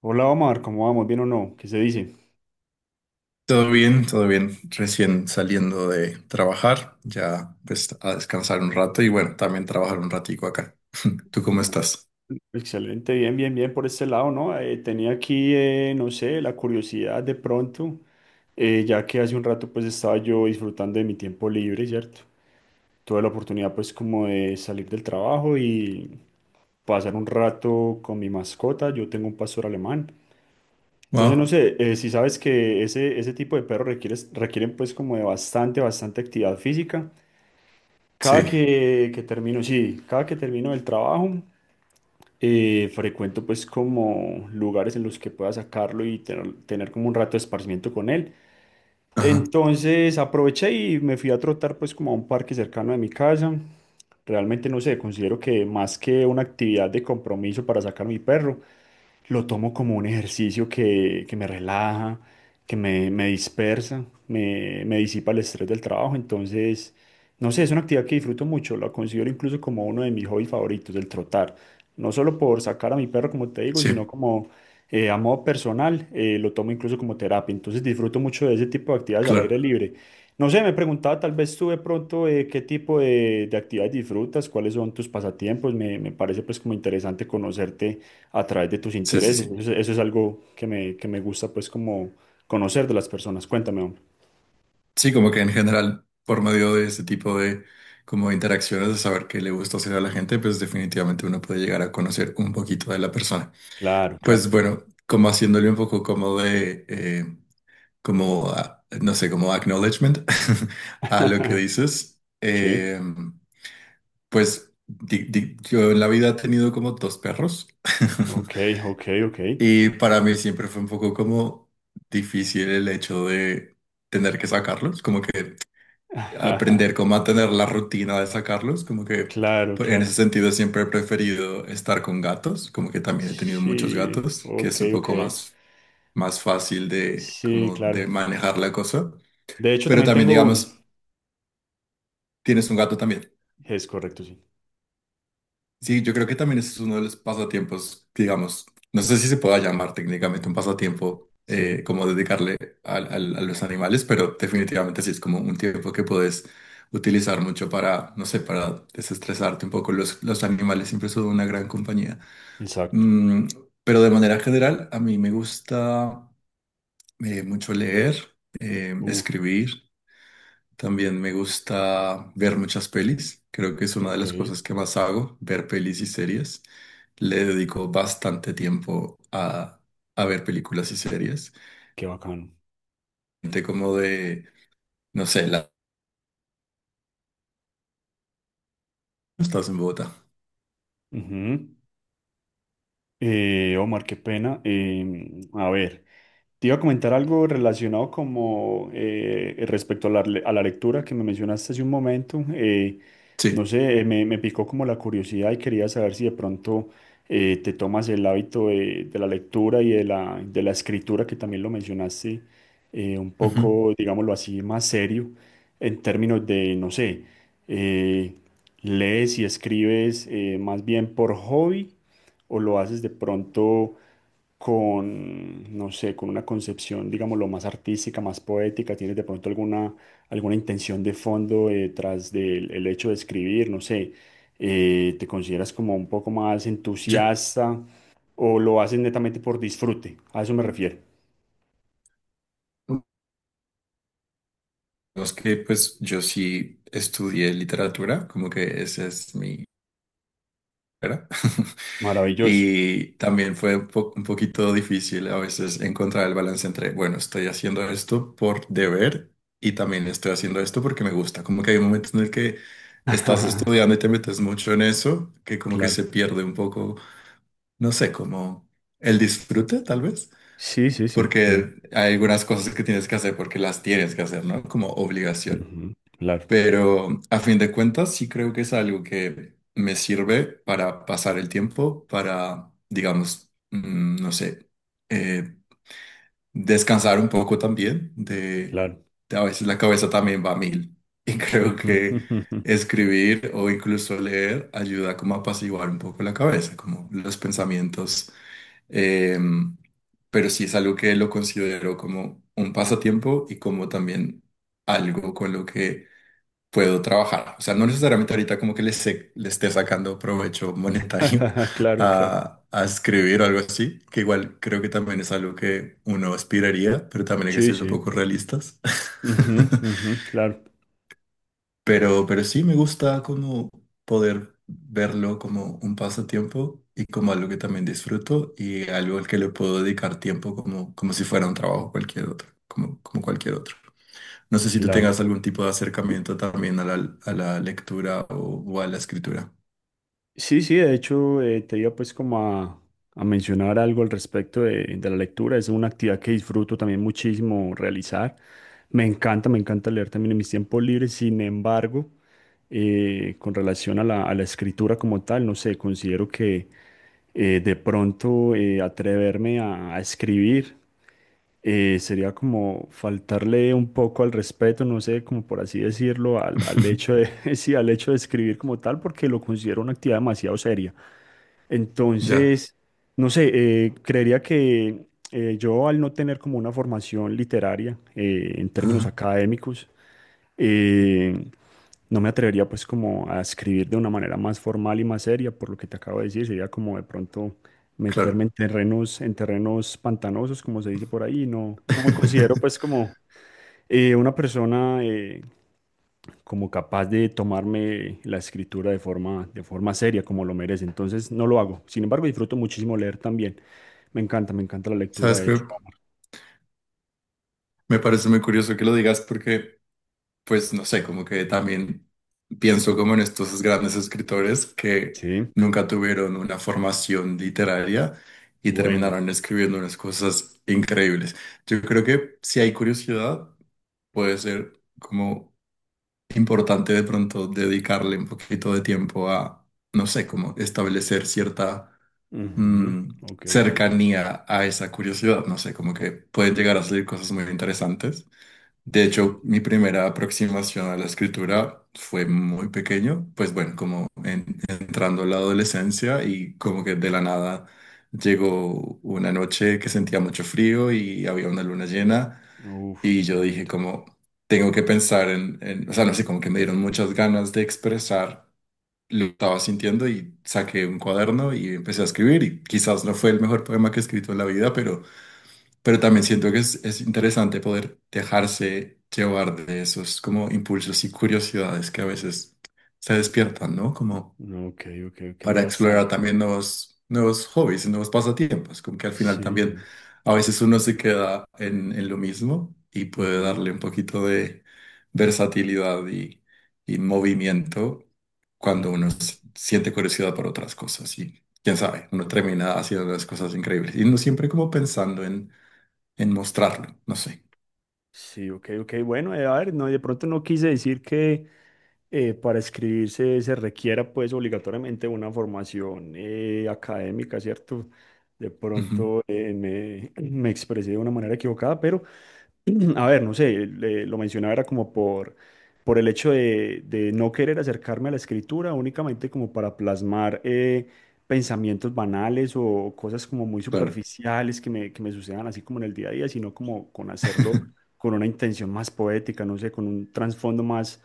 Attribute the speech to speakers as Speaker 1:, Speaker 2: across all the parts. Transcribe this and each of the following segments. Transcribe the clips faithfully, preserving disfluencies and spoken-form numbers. Speaker 1: Hola Omar, ¿cómo vamos? ¿Bien o no? ¿Qué se dice?
Speaker 2: Todo bien, todo bien. Recién saliendo de trabajar, ya pues a descansar un rato y bueno, también trabajar un ratico acá. ¿Tú cómo
Speaker 1: Mm,
Speaker 2: estás?
Speaker 1: excelente, bien, bien, bien por este lado, ¿no? Eh, tenía aquí, eh, no sé, la curiosidad de pronto, eh, ya que hace un rato pues estaba yo disfrutando de mi tiempo libre, ¿cierto? Tuve la oportunidad pues como de salir del trabajo y pasar un rato con mi mascota, yo tengo un pastor alemán. Entonces, no
Speaker 2: Wow,
Speaker 1: sé, eh, si sabes que ese, ese tipo de perros requiere, requieren pues como de bastante, bastante actividad física. Cada
Speaker 2: sí,
Speaker 1: que, que termino, sí, cada que termino el trabajo, eh, frecuento pues como lugares en los que pueda sacarlo y tener, tener como un rato de esparcimiento con él.
Speaker 2: ajá,
Speaker 1: Entonces aproveché y me fui a trotar pues como a un parque cercano de mi casa. Realmente no sé, considero que más que una actividad de compromiso para sacar a mi perro, lo tomo como un ejercicio que, que me relaja, que me, me dispersa, me, me disipa el estrés del trabajo. Entonces, no sé, es una actividad que disfruto mucho, la considero incluso como uno de mis hobbies favoritos, el trotar. No solo por sacar a mi perro, como te digo,
Speaker 2: sí,
Speaker 1: sino como eh, a modo personal, eh, lo tomo incluso como terapia, entonces disfruto mucho de ese tipo de actividades al
Speaker 2: claro,
Speaker 1: aire libre. No sé, me preguntaba tal vez tú de pronto eh, qué tipo de, de actividades disfrutas, cuáles son tus pasatiempos, me, me parece pues como interesante conocerte a través de tus
Speaker 2: sí, sí,
Speaker 1: intereses,
Speaker 2: sí.
Speaker 1: eso, es eso es algo que me, que me gusta pues como conocer de las personas, cuéntame, hombre.
Speaker 2: Sí, como que en general, por medio de ese tipo de como de interacciones, de saber qué le gusta hacer a la gente, pues definitivamente uno puede llegar a conocer un poquito de la persona.
Speaker 1: Claro, claro.
Speaker 2: Pues bueno, como haciéndole un poco como de, eh, como, ah, no sé, como acknowledgement a lo que dices.
Speaker 1: Sí,
Speaker 2: Eh, pues di- di- yo en la vida he tenido como dos perros
Speaker 1: ok, ok, ok.
Speaker 2: y para mí siempre fue un poco como difícil el hecho de tener que sacarlos, como que aprender cómo a tener la rutina de sacarlos, como que
Speaker 1: Claro,
Speaker 2: pues, en
Speaker 1: claro.
Speaker 2: ese sentido siempre he preferido estar con gatos, como que también he tenido muchos
Speaker 1: Sí,
Speaker 2: gatos, que
Speaker 1: ok,
Speaker 2: es un
Speaker 1: ok.
Speaker 2: poco más, más fácil de,
Speaker 1: Sí,
Speaker 2: como de
Speaker 1: claro.
Speaker 2: manejar la cosa.
Speaker 1: De hecho,
Speaker 2: Pero
Speaker 1: también
Speaker 2: también,
Speaker 1: tengo uno.
Speaker 2: digamos, tienes un gato también.
Speaker 1: Es correcto, sí.
Speaker 2: Sí, yo creo que también ese es uno de los pasatiempos, digamos, no sé si se pueda llamar técnicamente un pasatiempo
Speaker 1: Sí,
Speaker 2: eh, como dedicarle al- al- a, los animales, pero definitivamente sí es como un tiempo que puedes utilizar mucho para, no sé, para desestresarte un poco. Los, los animales siempre son una gran compañía.
Speaker 1: exacto.
Speaker 2: Mm, pero de manera general, a mí me gusta eh, mucho leer, eh,
Speaker 1: Uf,
Speaker 2: escribir. También me gusta ver muchas pelis. Creo que es una de
Speaker 1: ok,
Speaker 2: las cosas que más hago, ver pelis y series. Le dedico bastante tiempo a, a ver películas y series.
Speaker 1: qué bacano.
Speaker 2: Gente como de, no sé, la... Estás en Bogotá.
Speaker 1: Ujú. Eh, Omar, qué pena. Em, a ver. Te iba a comentar algo relacionado como eh, respecto a la, le- a la lectura que me mencionaste hace un momento. Eh, no
Speaker 2: Sí.
Speaker 1: sé, eh, me, me picó como la curiosidad y quería saber si de pronto eh, te tomas el hábito de, de la lectura y de la, de la escritura, que también lo mencionaste eh, un
Speaker 2: Ujú.
Speaker 1: poco, digámoslo así, más serio en términos de, no sé, eh, lees y escribes eh, más bien por hobby o lo haces de pronto con, no sé, con una concepción, digámoslo, más artística, ¿más poética? ¿Tienes de pronto alguna, alguna intención de fondo eh, detrás del el hecho de escribir? No sé, eh, ¿te consideras como un poco más
Speaker 2: Yo,
Speaker 1: entusiasta o lo haces netamente por disfrute? A eso me refiero.
Speaker 2: es que pues yo sí estudié literatura, como que esa es mi carrera.
Speaker 1: Maravilloso,
Speaker 2: Y también fue un po- un poquito difícil a veces encontrar el balance entre, bueno, estoy haciendo esto por deber y también estoy haciendo esto porque me gusta. Como que hay momentos en el que estás estudiando y te metes mucho en eso, que como que se
Speaker 1: claro.
Speaker 2: pierde un poco, no sé, como el disfrute tal vez,
Speaker 1: Sí, sí, sí, entiendo.
Speaker 2: porque hay algunas cosas que tienes que hacer porque las tienes que hacer, ¿no? Como obligación.
Speaker 1: Ujú, claro,
Speaker 2: Pero a fin de cuentas, sí creo que es algo que me sirve para pasar el tiempo, para, digamos, mm, no sé, eh, descansar un poco también de,
Speaker 1: claro.
Speaker 2: de a veces la cabeza también va a mil. Y creo
Speaker 1: Ujú,
Speaker 2: que
Speaker 1: ujú, ujú.
Speaker 2: escribir o incluso leer ayuda como a apaciguar un poco la cabeza, como los pensamientos. em, pero sí es algo que lo considero como un pasatiempo y como también algo con lo que puedo trabajar. O sea, no necesariamente ahorita como que le, se- le esté sacando provecho monetario
Speaker 1: Claro, claro.
Speaker 2: a, a escribir o algo así, que igual creo que también es algo que uno aspiraría, pero también hay que
Speaker 1: Sí,
Speaker 2: ser un
Speaker 1: sí.
Speaker 2: poco realistas.
Speaker 1: Ujú, ujú, claro,
Speaker 2: Pero, pero sí me gusta como poder verlo como un pasatiempo y como algo que también disfruto y algo al que le puedo dedicar tiempo como, como si fuera un trabajo cualquier otro, como, como cualquier otro. No sé si tú
Speaker 1: claro.
Speaker 2: tengas algún tipo de acercamiento también a la, a la lectura o, o a la escritura.
Speaker 1: Sí, sí, de hecho, eh, te iba pues como a, a mencionar algo al respecto de, de la lectura. Es una actividad que disfruto también muchísimo realizar. Me encanta, me encanta leer también en mis tiempos libres. Sin embargo, eh, con relación a la, a la escritura como tal, no sé, considero que eh, de pronto eh, atreverme a, a escribir eh, sería como faltarle un poco al respeto, no sé, como por así decirlo, al, al hecho de, sí, al hecho de escribir como tal, porque lo considero una actividad demasiado seria.
Speaker 2: Ya,
Speaker 1: Entonces, no sé, eh, creería que eh, yo al no tener como una formación literaria eh, en términos
Speaker 2: ajá,
Speaker 1: académicos, eh, no me atrevería pues como a escribir de una manera más formal y más seria, por lo que te acabo de decir, sería como de pronto meterme en
Speaker 2: claro.
Speaker 1: terrenos, en terrenos pantanosos, como se dice por ahí, no, no me considero pues como eh, una persona eh, como capaz de tomarme la escritura de forma, de forma seria, como lo merece. Entonces no lo hago. Sin embargo, disfruto muchísimo leer también. Me encanta, me encanta la lectura,
Speaker 2: Sabes
Speaker 1: de
Speaker 2: que
Speaker 1: hecho.
Speaker 2: me parece muy curioso que lo digas porque, pues, no sé, como que también pienso como en estos grandes escritores que
Speaker 1: Sí,
Speaker 2: nunca tuvieron una formación literaria y
Speaker 1: bueno.
Speaker 2: terminaron escribiendo unas cosas increíbles. Yo creo que si hay curiosidad, puede ser como importante de pronto dedicarle un poquito de tiempo a, no sé, como establecer cierta
Speaker 1: Ujú,
Speaker 2: mm,
Speaker 1: ok, ok.
Speaker 2: cercanía a esa curiosidad, no sé, como que pueden llegar a salir cosas muy interesantes. De
Speaker 1: Sí,
Speaker 2: hecho,
Speaker 1: sí.
Speaker 2: mi primera aproximación a la escritura fue muy pequeño, pues bueno, como en- entrando a la adolescencia y como que de la nada llegó una noche que sentía mucho frío y había una luna llena.
Speaker 1: Uf,
Speaker 2: Y
Speaker 1: qué
Speaker 2: yo dije
Speaker 1: bonito.
Speaker 2: como, tengo que pensar en, en- o sea, no sé, como que me dieron muchas ganas de expresar lo que estaba sintiendo y saqué un cuaderno y empecé a escribir y quizás no fue el mejor poema que he escrito en la vida, pero, pero también siento que es, es interesante poder dejarse llevar de esos como impulsos y curiosidades que a veces se despiertan, ¿no? Como
Speaker 1: Ok, ok, ok,
Speaker 2: para explorar
Speaker 1: bastante.
Speaker 2: también nuevos, nuevos hobbies y nuevos pasatiempos, como que al final
Speaker 1: Sí,
Speaker 2: también
Speaker 1: sí.
Speaker 2: a veces uno se queda en, en lo mismo y puede
Speaker 1: Ujú,
Speaker 2: darle un poquito de versatilidad y, y movimiento cuando uno
Speaker 1: ujú.
Speaker 2: s- siente curiosidad por otras cosas y quién sabe, uno termina haciendo unas cosas increíbles y no siempre como pensando en, en mostrarlo, no sé.
Speaker 1: Sí, ok, ok. Bueno, eh, a ver, no, de pronto no quise decir que eh, para escribirse se requiera pues obligatoriamente una formación eh, académica, ¿cierto? De
Speaker 2: Ujú,
Speaker 1: pronto eh, me, me expresé de una manera equivocada, pero a ver, no sé, le- lo mencionaba era como por, por el hecho de, de no querer acercarme a la escritura únicamente como para plasmar eh, pensamientos banales o cosas como muy
Speaker 2: claro,
Speaker 1: superficiales que me, que me sucedan así como en el día a día, sino como con hacerlo con una intención más poética, no sé, con un trasfondo más,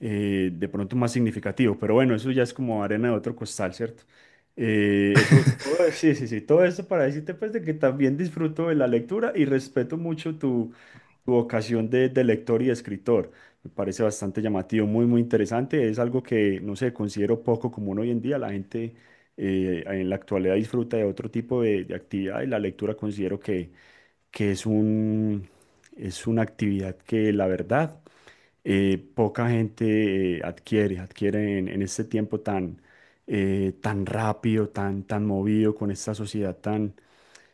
Speaker 1: eh, de pronto más significativo, pero bueno, eso ya es como arena de otro costal, ¿cierto? Eh, eso, todo, sí, sí, sí, todo esto para decirte pues de que también disfruto de la lectura y respeto mucho tu, tu vocación de, de lector y de escritor. Me parece bastante llamativo, muy, muy interesante. Es algo que, no sé, considero poco común hoy en día. La gente eh, en la actualidad disfruta de otro tipo de, de actividad y la lectura considero que, que es un, es una actividad que la verdad eh, poca gente eh, adquiere, adquiere en, en este tiempo tan, eh, tan rápido, tan, tan movido, con esta sociedad tan...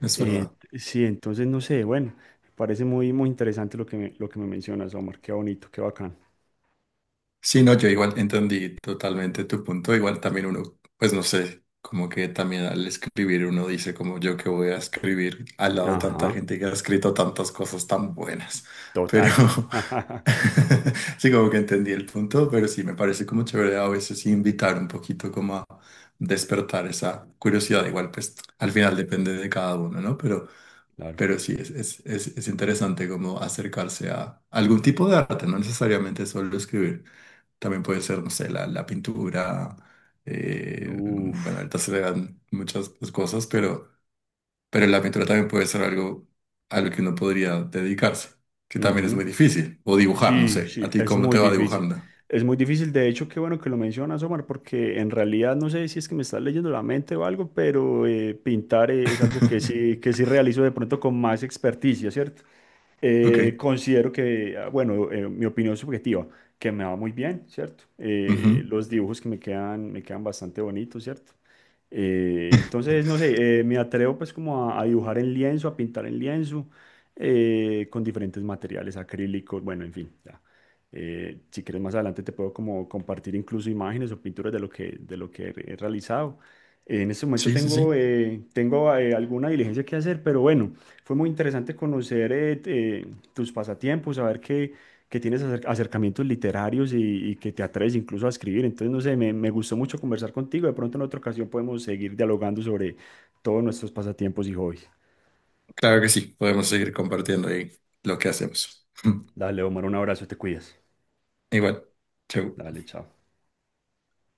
Speaker 2: es
Speaker 1: eh,
Speaker 2: verdad.
Speaker 1: sí, entonces no sé, bueno, parece muy, muy interesante lo que me, lo que me mencionas, Omar, qué bonito, qué bacán.
Speaker 2: Sí, no, yo igual entendí totalmente tu punto. Igual también uno, pues no sé, como que también al escribir uno dice como yo que voy a escribir al lado de tanta
Speaker 1: Ajá,
Speaker 2: gente que ha escrito tantas cosas tan buenas. Pero
Speaker 1: total.
Speaker 2: sí, como que entendí el punto, pero sí, me parece como chévere a veces invitar un poquito como a despertar esa curiosidad. Igual, pues al final depende de cada uno, ¿no? Pero,
Speaker 1: Claro.
Speaker 2: pero sí, es, es, es, es interesante como acercarse a algún tipo de arte, no necesariamente solo escribir. También puede ser, no sé, la, la pintura. eh, bueno,
Speaker 1: Uf.
Speaker 2: ahorita se le dan muchas cosas, pero, pero la pintura también puede ser algo a lo que uno podría dedicarse, que también es muy
Speaker 1: Ujú.
Speaker 2: difícil. O dibujar, no
Speaker 1: Sí,
Speaker 2: sé.
Speaker 1: sí,
Speaker 2: ¿A ti
Speaker 1: es
Speaker 2: cómo te
Speaker 1: muy
Speaker 2: va
Speaker 1: difícil.
Speaker 2: dibujando?
Speaker 1: Es muy difícil, de hecho, qué bueno que lo mencionas, Omar, porque en realidad no sé si es que me estás leyendo la mente o algo, pero eh, pintar eh, es algo que sí, que sí realizo de pronto con más experticia, ¿cierto?
Speaker 2: Ok.
Speaker 1: Eh, considero que, ah, bueno, eh, mi opinión subjetiva, que me va muy bien, ¿cierto? Eh,
Speaker 2: Ujú.
Speaker 1: los dibujos que me quedan, me quedan bastante bonitos, ¿cierto? Eh, entonces, no sé, eh, me atrevo pues como a, a dibujar en lienzo, a pintar en lienzo eh, con diferentes materiales acrílicos, bueno, en fin, ya. Eh, si quieres más adelante te puedo como compartir incluso imágenes o pinturas de lo que, de lo que he realizado. Eh, en este momento
Speaker 2: Sí, sí,
Speaker 1: tengo,
Speaker 2: sí.
Speaker 1: eh, tengo eh, alguna diligencia que hacer, pero bueno, fue muy interesante conocer eh, t- eh, tus pasatiempos, saber que, que tienes acer- acercamientos literarios y, y que te atreves incluso a escribir. Entonces, no sé, me, me gustó mucho conversar contigo. De pronto en otra ocasión podemos seguir dialogando sobre todos nuestros pasatiempos y hobbies.
Speaker 2: Claro que sí. Podemos seguir compartiendo ahí lo que hacemos.
Speaker 1: Dale, Omar, un abrazo, te cuidas.
Speaker 2: Igual. Chau.
Speaker 1: Dale, chao.